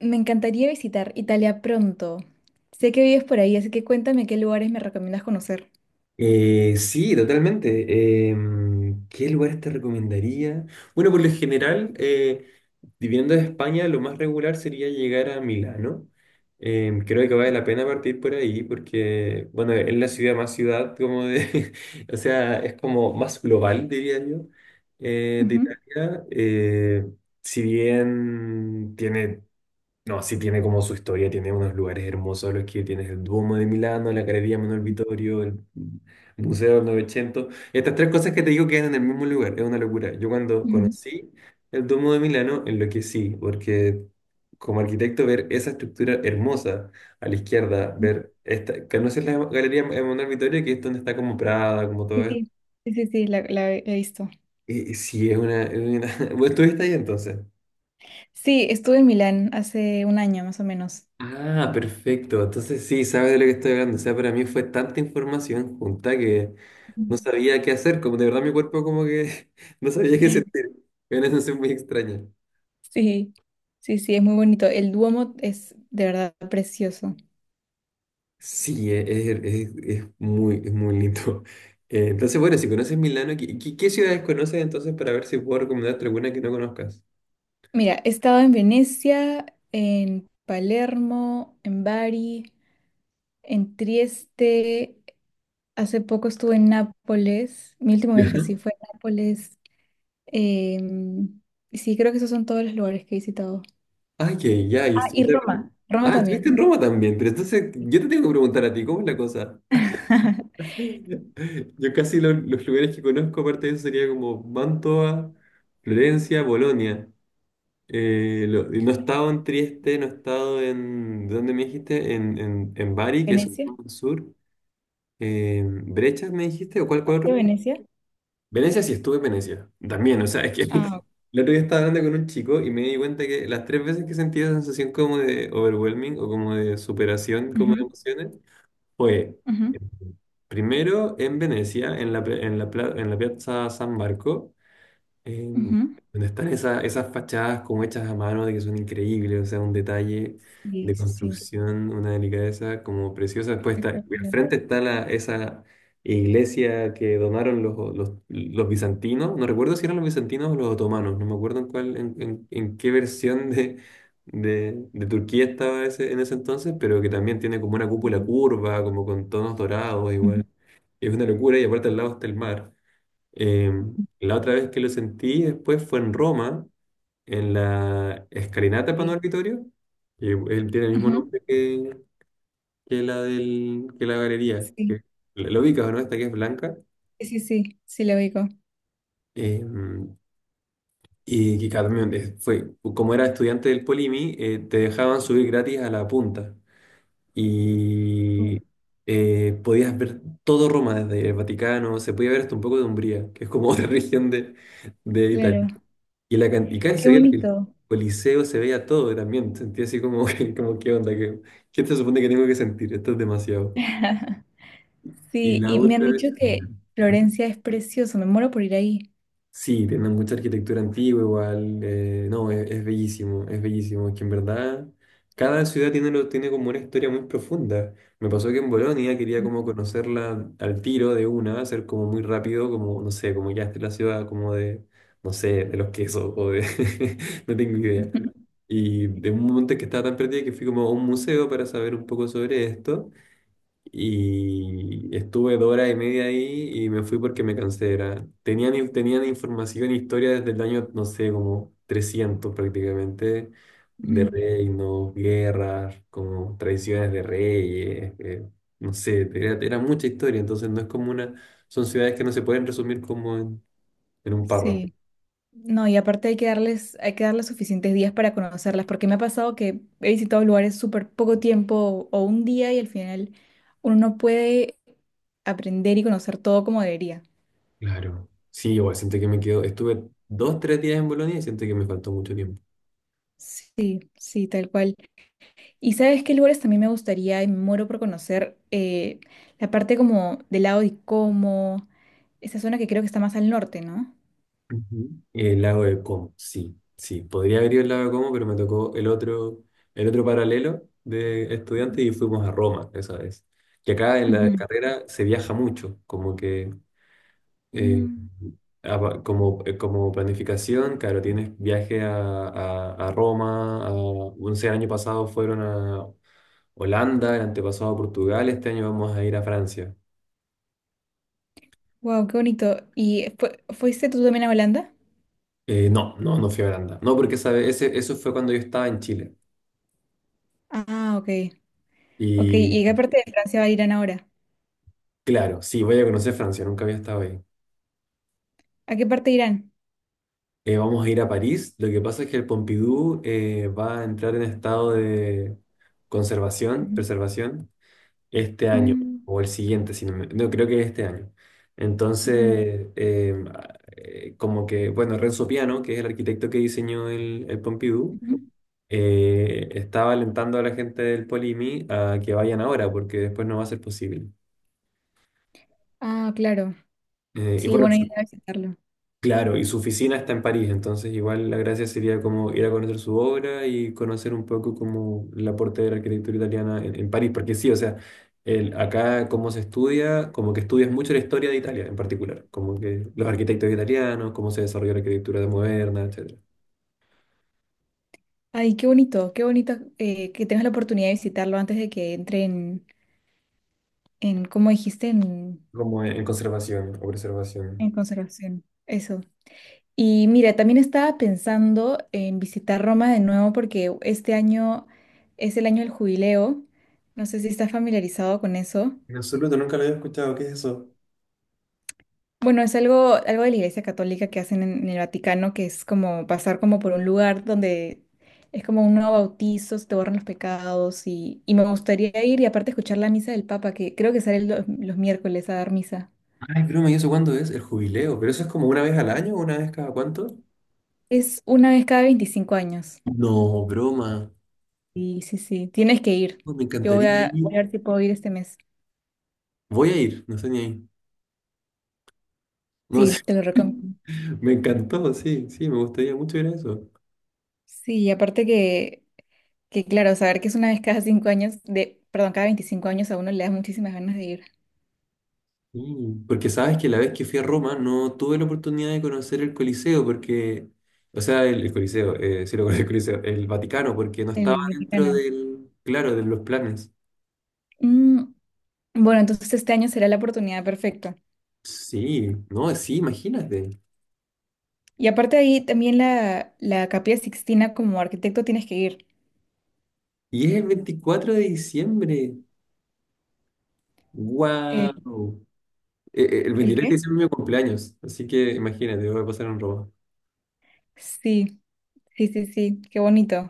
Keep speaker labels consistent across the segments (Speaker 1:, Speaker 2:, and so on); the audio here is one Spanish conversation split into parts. Speaker 1: Me encantaría visitar Italia pronto. Sé que vives por ahí, así que cuéntame qué lugares me recomiendas conocer.
Speaker 2: Sí, totalmente. ¿Qué lugares te recomendaría? Bueno, por lo general, viviendo de España, lo más regular sería llegar a Milano. Creo que vale la pena partir por ahí porque, bueno, es la ciudad más ciudad, como de, o sea, es como más global, diría yo, de
Speaker 1: Ujú,
Speaker 2: Italia. Si bien tiene no, sí tiene como su historia, tiene unos lugares hermosos los que tienes el Duomo de Milano, la Galería Manuel Vittorio, el Museo del Novecento. Estas tres cosas que te digo quedan en el mismo lugar, es una locura. Yo cuando
Speaker 1: ujú.
Speaker 2: conocí el Duomo de Milano, enloquecí, porque como arquitecto ver esa estructura hermosa a la izquierda, ver esta, ¿conoces la Galería Manuel Vittorio? Que es donde está como Prada, como todo
Speaker 1: Sí,
Speaker 2: esto.
Speaker 1: sí, sí, sí, la he visto.
Speaker 2: Y sí, ¿Vos estuviste ahí entonces?
Speaker 1: Sí, estuve en Milán hace un año más o menos.
Speaker 2: Ah, perfecto. Entonces sí, sabes de lo que estoy hablando. O sea, para mí fue tanta información junta que no
Speaker 1: Ujú.
Speaker 2: sabía qué hacer. Como de verdad mi cuerpo como que no sabía qué sentir. Era una sensación muy extraña.
Speaker 1: Sí, sí, sí, es muy bonito. El Duomo es de verdad precioso.
Speaker 2: Sí, es muy lindo. Entonces, bueno, si conoces Milano, ¿qué ciudades conoces entonces para ver si puedo recomendarte alguna que no conozcas?
Speaker 1: Mira, he estado en Venecia, en Palermo, en Bari, en Trieste. Hace poco estuve en Nápoles. Mi último
Speaker 2: Ya.
Speaker 1: viaje sí fue a Nápoles. Em, sí, creo que esos son todos los lugares que he visitado.
Speaker 2: Ah, que ya, y
Speaker 1: Ah, y
Speaker 2: estuviste-
Speaker 1: Roma, Roma
Speaker 2: Ah, estuviste
Speaker 1: también.
Speaker 2: en Roma también, pero entonces yo te tengo que preguntar a ti, ¿cómo es la cosa? Yo casi los lugares que conozco, aparte de eso, sería como Mantua, Florencia, Bolonia. Y no he estado en Trieste, no he estado en, ¿de ¿dónde me dijiste? En Bari, que eso es
Speaker 1: Venecia,
Speaker 2: más al sur. ¿Brechas me dijiste? ¿O cuál otro?
Speaker 1: ¿de Venecia.
Speaker 2: Venecia sí estuve en Venecia. También, o sea, es que
Speaker 1: Ah,
Speaker 2: el otro día estaba hablando con un chico y me di cuenta que las tres veces que sentí esa sensación como de overwhelming o como de superación, como de
Speaker 1: ujú,
Speaker 2: emociones, fue
Speaker 1: ujú,
Speaker 2: eh, primero en Venecia, en la, pe- en la, pla- en la Piazza San Marco, em,
Speaker 1: ujú.
Speaker 2: donde están esas fachadas como hechas a mano, de que son increíbles, o sea, un detalle
Speaker 1: Sí,
Speaker 2: de
Speaker 1: sí, sí.
Speaker 2: construcción, una delicadeza como preciosa. Después está, al
Speaker 1: Espectacular.
Speaker 2: frente está la, esa iglesia que donaron los bizantinos, no recuerdo si eran los bizantinos o los otomanos, no me acuerdo en cuál, en qué versión de, de Turquía estaba ese, en ese entonces, pero que también tiene como una cúpula
Speaker 1: Ujú,
Speaker 2: curva, como con tonos dorados
Speaker 1: ujú,
Speaker 2: igual. Es una locura y aparte al lado está el mar. La otra vez que lo sentí después fue en Roma, en la escalinata Pano
Speaker 1: sí,
Speaker 2: Arbitorio, que él tiene el mismo
Speaker 1: ujú,
Speaker 2: nombre que, que la galería.
Speaker 1: sí,
Speaker 2: Lo ubicas, ¿no? Esta que es blanca.
Speaker 1: sí, sí, sí, sí, lo ubico.
Speaker 2: Em, y también fue, como era estudiante del Polimi, te dejaban subir gratis a la punta. Y
Speaker 1: Mm.
Speaker 2: podías ver todo Roma desde el Vaticano, se podía ver hasta un poco de Umbría, que es como otra región de
Speaker 1: Claro,
Speaker 2: Italia. Y canticán
Speaker 1: qué
Speaker 2: se veía el
Speaker 1: bonito.
Speaker 2: Coliseo, se veía todo y también. Sentí así como, como ¿qué onda? ¿Qué, qué se supone que tengo que sentir? Esto es demasiado. Y
Speaker 1: Sí,
Speaker 2: la
Speaker 1: y me han
Speaker 2: otra vez.
Speaker 1: dicho que Florencia es precioso, me muero por ir ahí.
Speaker 2: Sí, tienen mucha arquitectura antigua igual. No, es bellísimo, es bellísimo. Es que en verdad cada ciudad tiene como una historia muy profunda. Me pasó que en Bolonia quería como conocerla al tiro de una, hacer como muy rápido, como, no sé, como ya esta es la ciudad como de, no sé, de los quesos o de, no tengo idea.
Speaker 1: Ujú,
Speaker 2: Y de un momento que estaba tan perdida que fui como a un museo para saber un poco sobre esto. Y estuve dos horas y media ahí y me fui porque me cansé. Era, tenían información, e historia desde el año, no sé, como 300 prácticamente, de
Speaker 1: ujú.
Speaker 2: reinos, guerras, como tradiciones de reyes, no sé, era mucha historia. Entonces no es como una, son ciudades que no se pueden resumir como en un párrafo.
Speaker 1: Sí. No, y aparte hay que darles suficientes días para conocerlas, porque me ha pasado que he visitado lugares súper poco tiempo o un día y al final uno no puede aprender y conocer todo como debería.
Speaker 2: Claro. Sí, igual siento que me quedo, estuve dos, tres días en Bolonia y siento que me faltó mucho tiempo.
Speaker 1: Sí, sí, tal cual. ¿Y sabes qué lugares también me gustaría y me muero por conocer? La parte como del lado de Como, esa zona que creo que está más al norte, ¿no?
Speaker 2: Ujú. El lago de Como, sí, sí. Podría haber ido el lago de Como, pero me tocó el otro paralelo de estudiantes y fuimos a Roma esa vez. Que acá en la carrera se viaja mucho, como que eh, como planificación, claro, tienes viaje a, a Roma, a, no sé, el año pasado fueron a Holanda, el antepasado a Portugal, este año vamos a ir a Francia.
Speaker 1: Wow, qué bonito. ¿Y fuiste tú también a Holanda?
Speaker 2: No, no, no fui a Holanda. No, porque eso fue cuando yo estaba en Chile.
Speaker 1: Ah, ok. Ok, ¿y a qué parte de Francia va a Irán ahora?
Speaker 2: Claro, sí, voy a conocer Francia, nunca había estado ahí.
Speaker 1: ¿A qué parte de Irán?
Speaker 2: Vamos a ir a París. Lo que pasa es que el Pompidou va a entrar en estado de conservación,
Speaker 1: Ujú.
Speaker 2: preservación, este año
Speaker 1: Mm,
Speaker 2: o el siguiente, si no, creo que este año.
Speaker 1: ujú,
Speaker 2: Entonces, como que, bueno, Renzo Piano, que es el arquitecto que diseñó el Pompidou,
Speaker 1: ujú.
Speaker 2: estaba alentando a la gente del Polimi a que vayan ahora, porque después no va a ser posible.
Speaker 1: Ah, claro.
Speaker 2: Y
Speaker 1: Sí,
Speaker 2: bueno,
Speaker 1: bueno, ir a visitarlo.
Speaker 2: claro, y su oficina está en París, entonces igual la gracia sería como ir a conocer su obra y conocer un poco como el aporte de la arquitectura italiana en París, porque sí, o sea, acá como se estudia, como que estudias mucho la historia de Italia en particular, como que los arquitectos italianos, cómo se desarrolló la arquitectura moderna, etcétera,
Speaker 1: Ay, qué bonito que tengas la oportunidad de visitarlo antes de que entre en como dijiste,
Speaker 2: como en conservación o preservación.
Speaker 1: en conservación. Eso. Y mira, también estaba pensando en visitar Roma de nuevo porque este año es el año del jubileo. No sé si estás familiarizado con eso.
Speaker 2: En absoluto, nunca lo había escuchado, ¿qué es eso?
Speaker 1: Bueno, es algo, algo de la Iglesia Católica que hacen en el Vaticano, que es como pasar como por un lugar donde es como un nuevo bautizo, se te borran los pecados y me gustaría ir y aparte escuchar la misa del Papa, que creo que sale los miércoles a dar misa.
Speaker 2: Ay, broma, ¿y eso cuándo es? El jubileo, pero eso es como una vez al año, ¿una vez cada cuánto?
Speaker 1: Es una vez cada 25 años.
Speaker 2: No, broma.
Speaker 1: Sí, sí, sí, tienes que ir.
Speaker 2: Oh, me
Speaker 1: Yo voy
Speaker 2: encantaría
Speaker 1: a, voy a
Speaker 2: ir.
Speaker 1: ver si puedo ir este mes.
Speaker 2: Voy a ir, no sé ni ahí. No
Speaker 1: Sí,
Speaker 2: sé.
Speaker 1: te lo recomiendo.
Speaker 2: Me encantó, sí, sí, me gustaría mucho ir a eso.
Speaker 1: Sí, y aparte que claro, saber que es una vez cada 5 años, de, perdón, cada 25 años a uno le da muchísimas ganas de ir.
Speaker 2: Mm, porque sabes que la vez que fui a Roma no tuve la oportunidad de conocer el Coliseo, porque, o sea, el Coliseo, sí lo conozco, el Coliseo, el Vaticano, porque no estaba
Speaker 1: El
Speaker 2: dentro
Speaker 1: Vaticano.
Speaker 2: del, claro, de los planes.
Speaker 1: Mm. Bueno, entonces este año será la oportunidad perfecta.
Speaker 2: Sí, no, sí, imagínate.
Speaker 1: Y aparte de ahí, también la, la Capilla Sixtina como arquitecto tienes que ir.
Speaker 2: Y es el 24 de diciembre.
Speaker 1: Eh,
Speaker 2: ¡Wow! El
Speaker 1: ¿El
Speaker 2: 23 de
Speaker 1: qué?
Speaker 2: diciembre es mi cumpleaños, así que imagínate, voy a pasar en Roma.
Speaker 1: Sí, sí, sí, sí, qué bonito.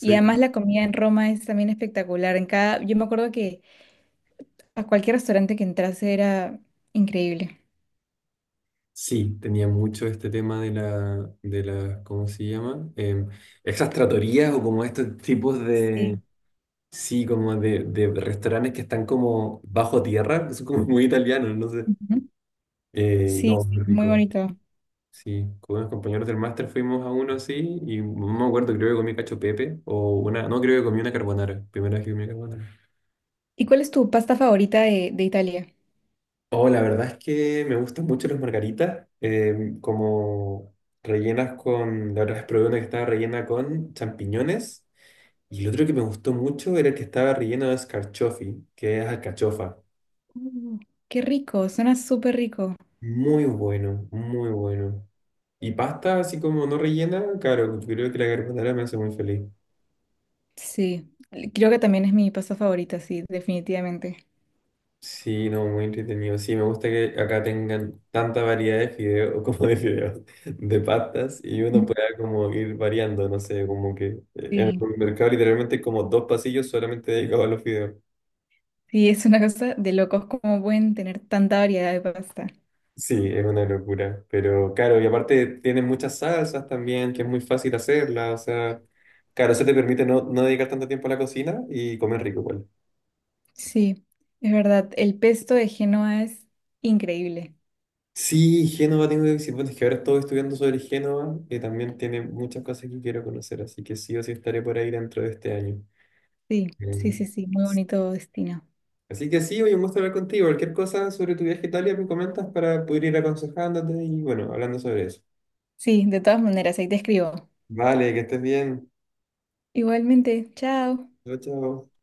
Speaker 1: Y además la comida en Roma es también espectacular. En cada, yo me acuerdo que a cualquier restaurante que entrase era increíble.
Speaker 2: Sí, tenía mucho este tema de la, ¿cómo se llama? Esas tratorías o como estos tipos de,
Speaker 1: Sí.
Speaker 2: sí, como de restaurantes que están como bajo tierra, que son como muy italianos, no sé.
Speaker 1: Ujú. Sí,
Speaker 2: No,
Speaker 1: sí,
Speaker 2: muy
Speaker 1: muy
Speaker 2: rico.
Speaker 1: bonito.
Speaker 2: Sí, con unos compañeros del máster fuimos a uno así y no me acuerdo, creo que comí cacho pepe o una, no, creo que comí una carbonara, primera vez que comí carbonara.
Speaker 1: ¿Y cuál es tu pasta favorita de Italia?
Speaker 2: Oh, la verdad es que me gustan mucho las margaritas, como rellenas con, la otra vez probé una que estaba rellena con champiñones y el otro que me gustó mucho era el que estaba relleno de escarchofi, que es alcachofa.
Speaker 1: Uh, qué rico, suena súper rico.
Speaker 2: Muy bueno, muy bueno. Y pasta así como no rellena, claro, creo que la carbonara me hace muy feliz.
Speaker 1: Sí, creo que también es mi pasta favorita, sí, definitivamente.
Speaker 2: Sí, no, muy entretenido. Sí, me gusta que acá tengan tanta variedad de fideos como de fideos, de pastas y uno pueda como ir variando, no sé, como que en el
Speaker 1: Sí,
Speaker 2: mercado literalmente hay como dos pasillos solamente dedicados a los fideos.
Speaker 1: sí, es una cosa de locos cómo pueden tener tanta variedad de pasta.
Speaker 2: Sí, es una locura, pero claro, y aparte tienen muchas salsas también, que es muy fácil hacerlas, o sea, claro, eso te permite no, no dedicar tanto tiempo a la cocina y comer rico, igual.
Speaker 1: Sí, es verdad. El pesto de Génova es increíble.
Speaker 2: Sí, Génova tengo que decir, bueno, es que ahora estoy estudiando sobre Génova, que también tiene muchas cosas que quiero conocer, así que sí o sí estaré por ahí dentro de este año.
Speaker 1: Sí, sí,
Speaker 2: Em,
Speaker 1: sí, sí, muy bonito destino.
Speaker 2: Así que sí, hoy un gusto hablar contigo. Cualquier cosa sobre tu viaje a Italia me comentas para poder ir aconsejándote y bueno, hablando sobre eso.
Speaker 1: Sí, de todas maneras, ahí te escribo.
Speaker 2: Vale, que estés bien.
Speaker 1: Igualmente, chao.
Speaker 2: Chao, chao.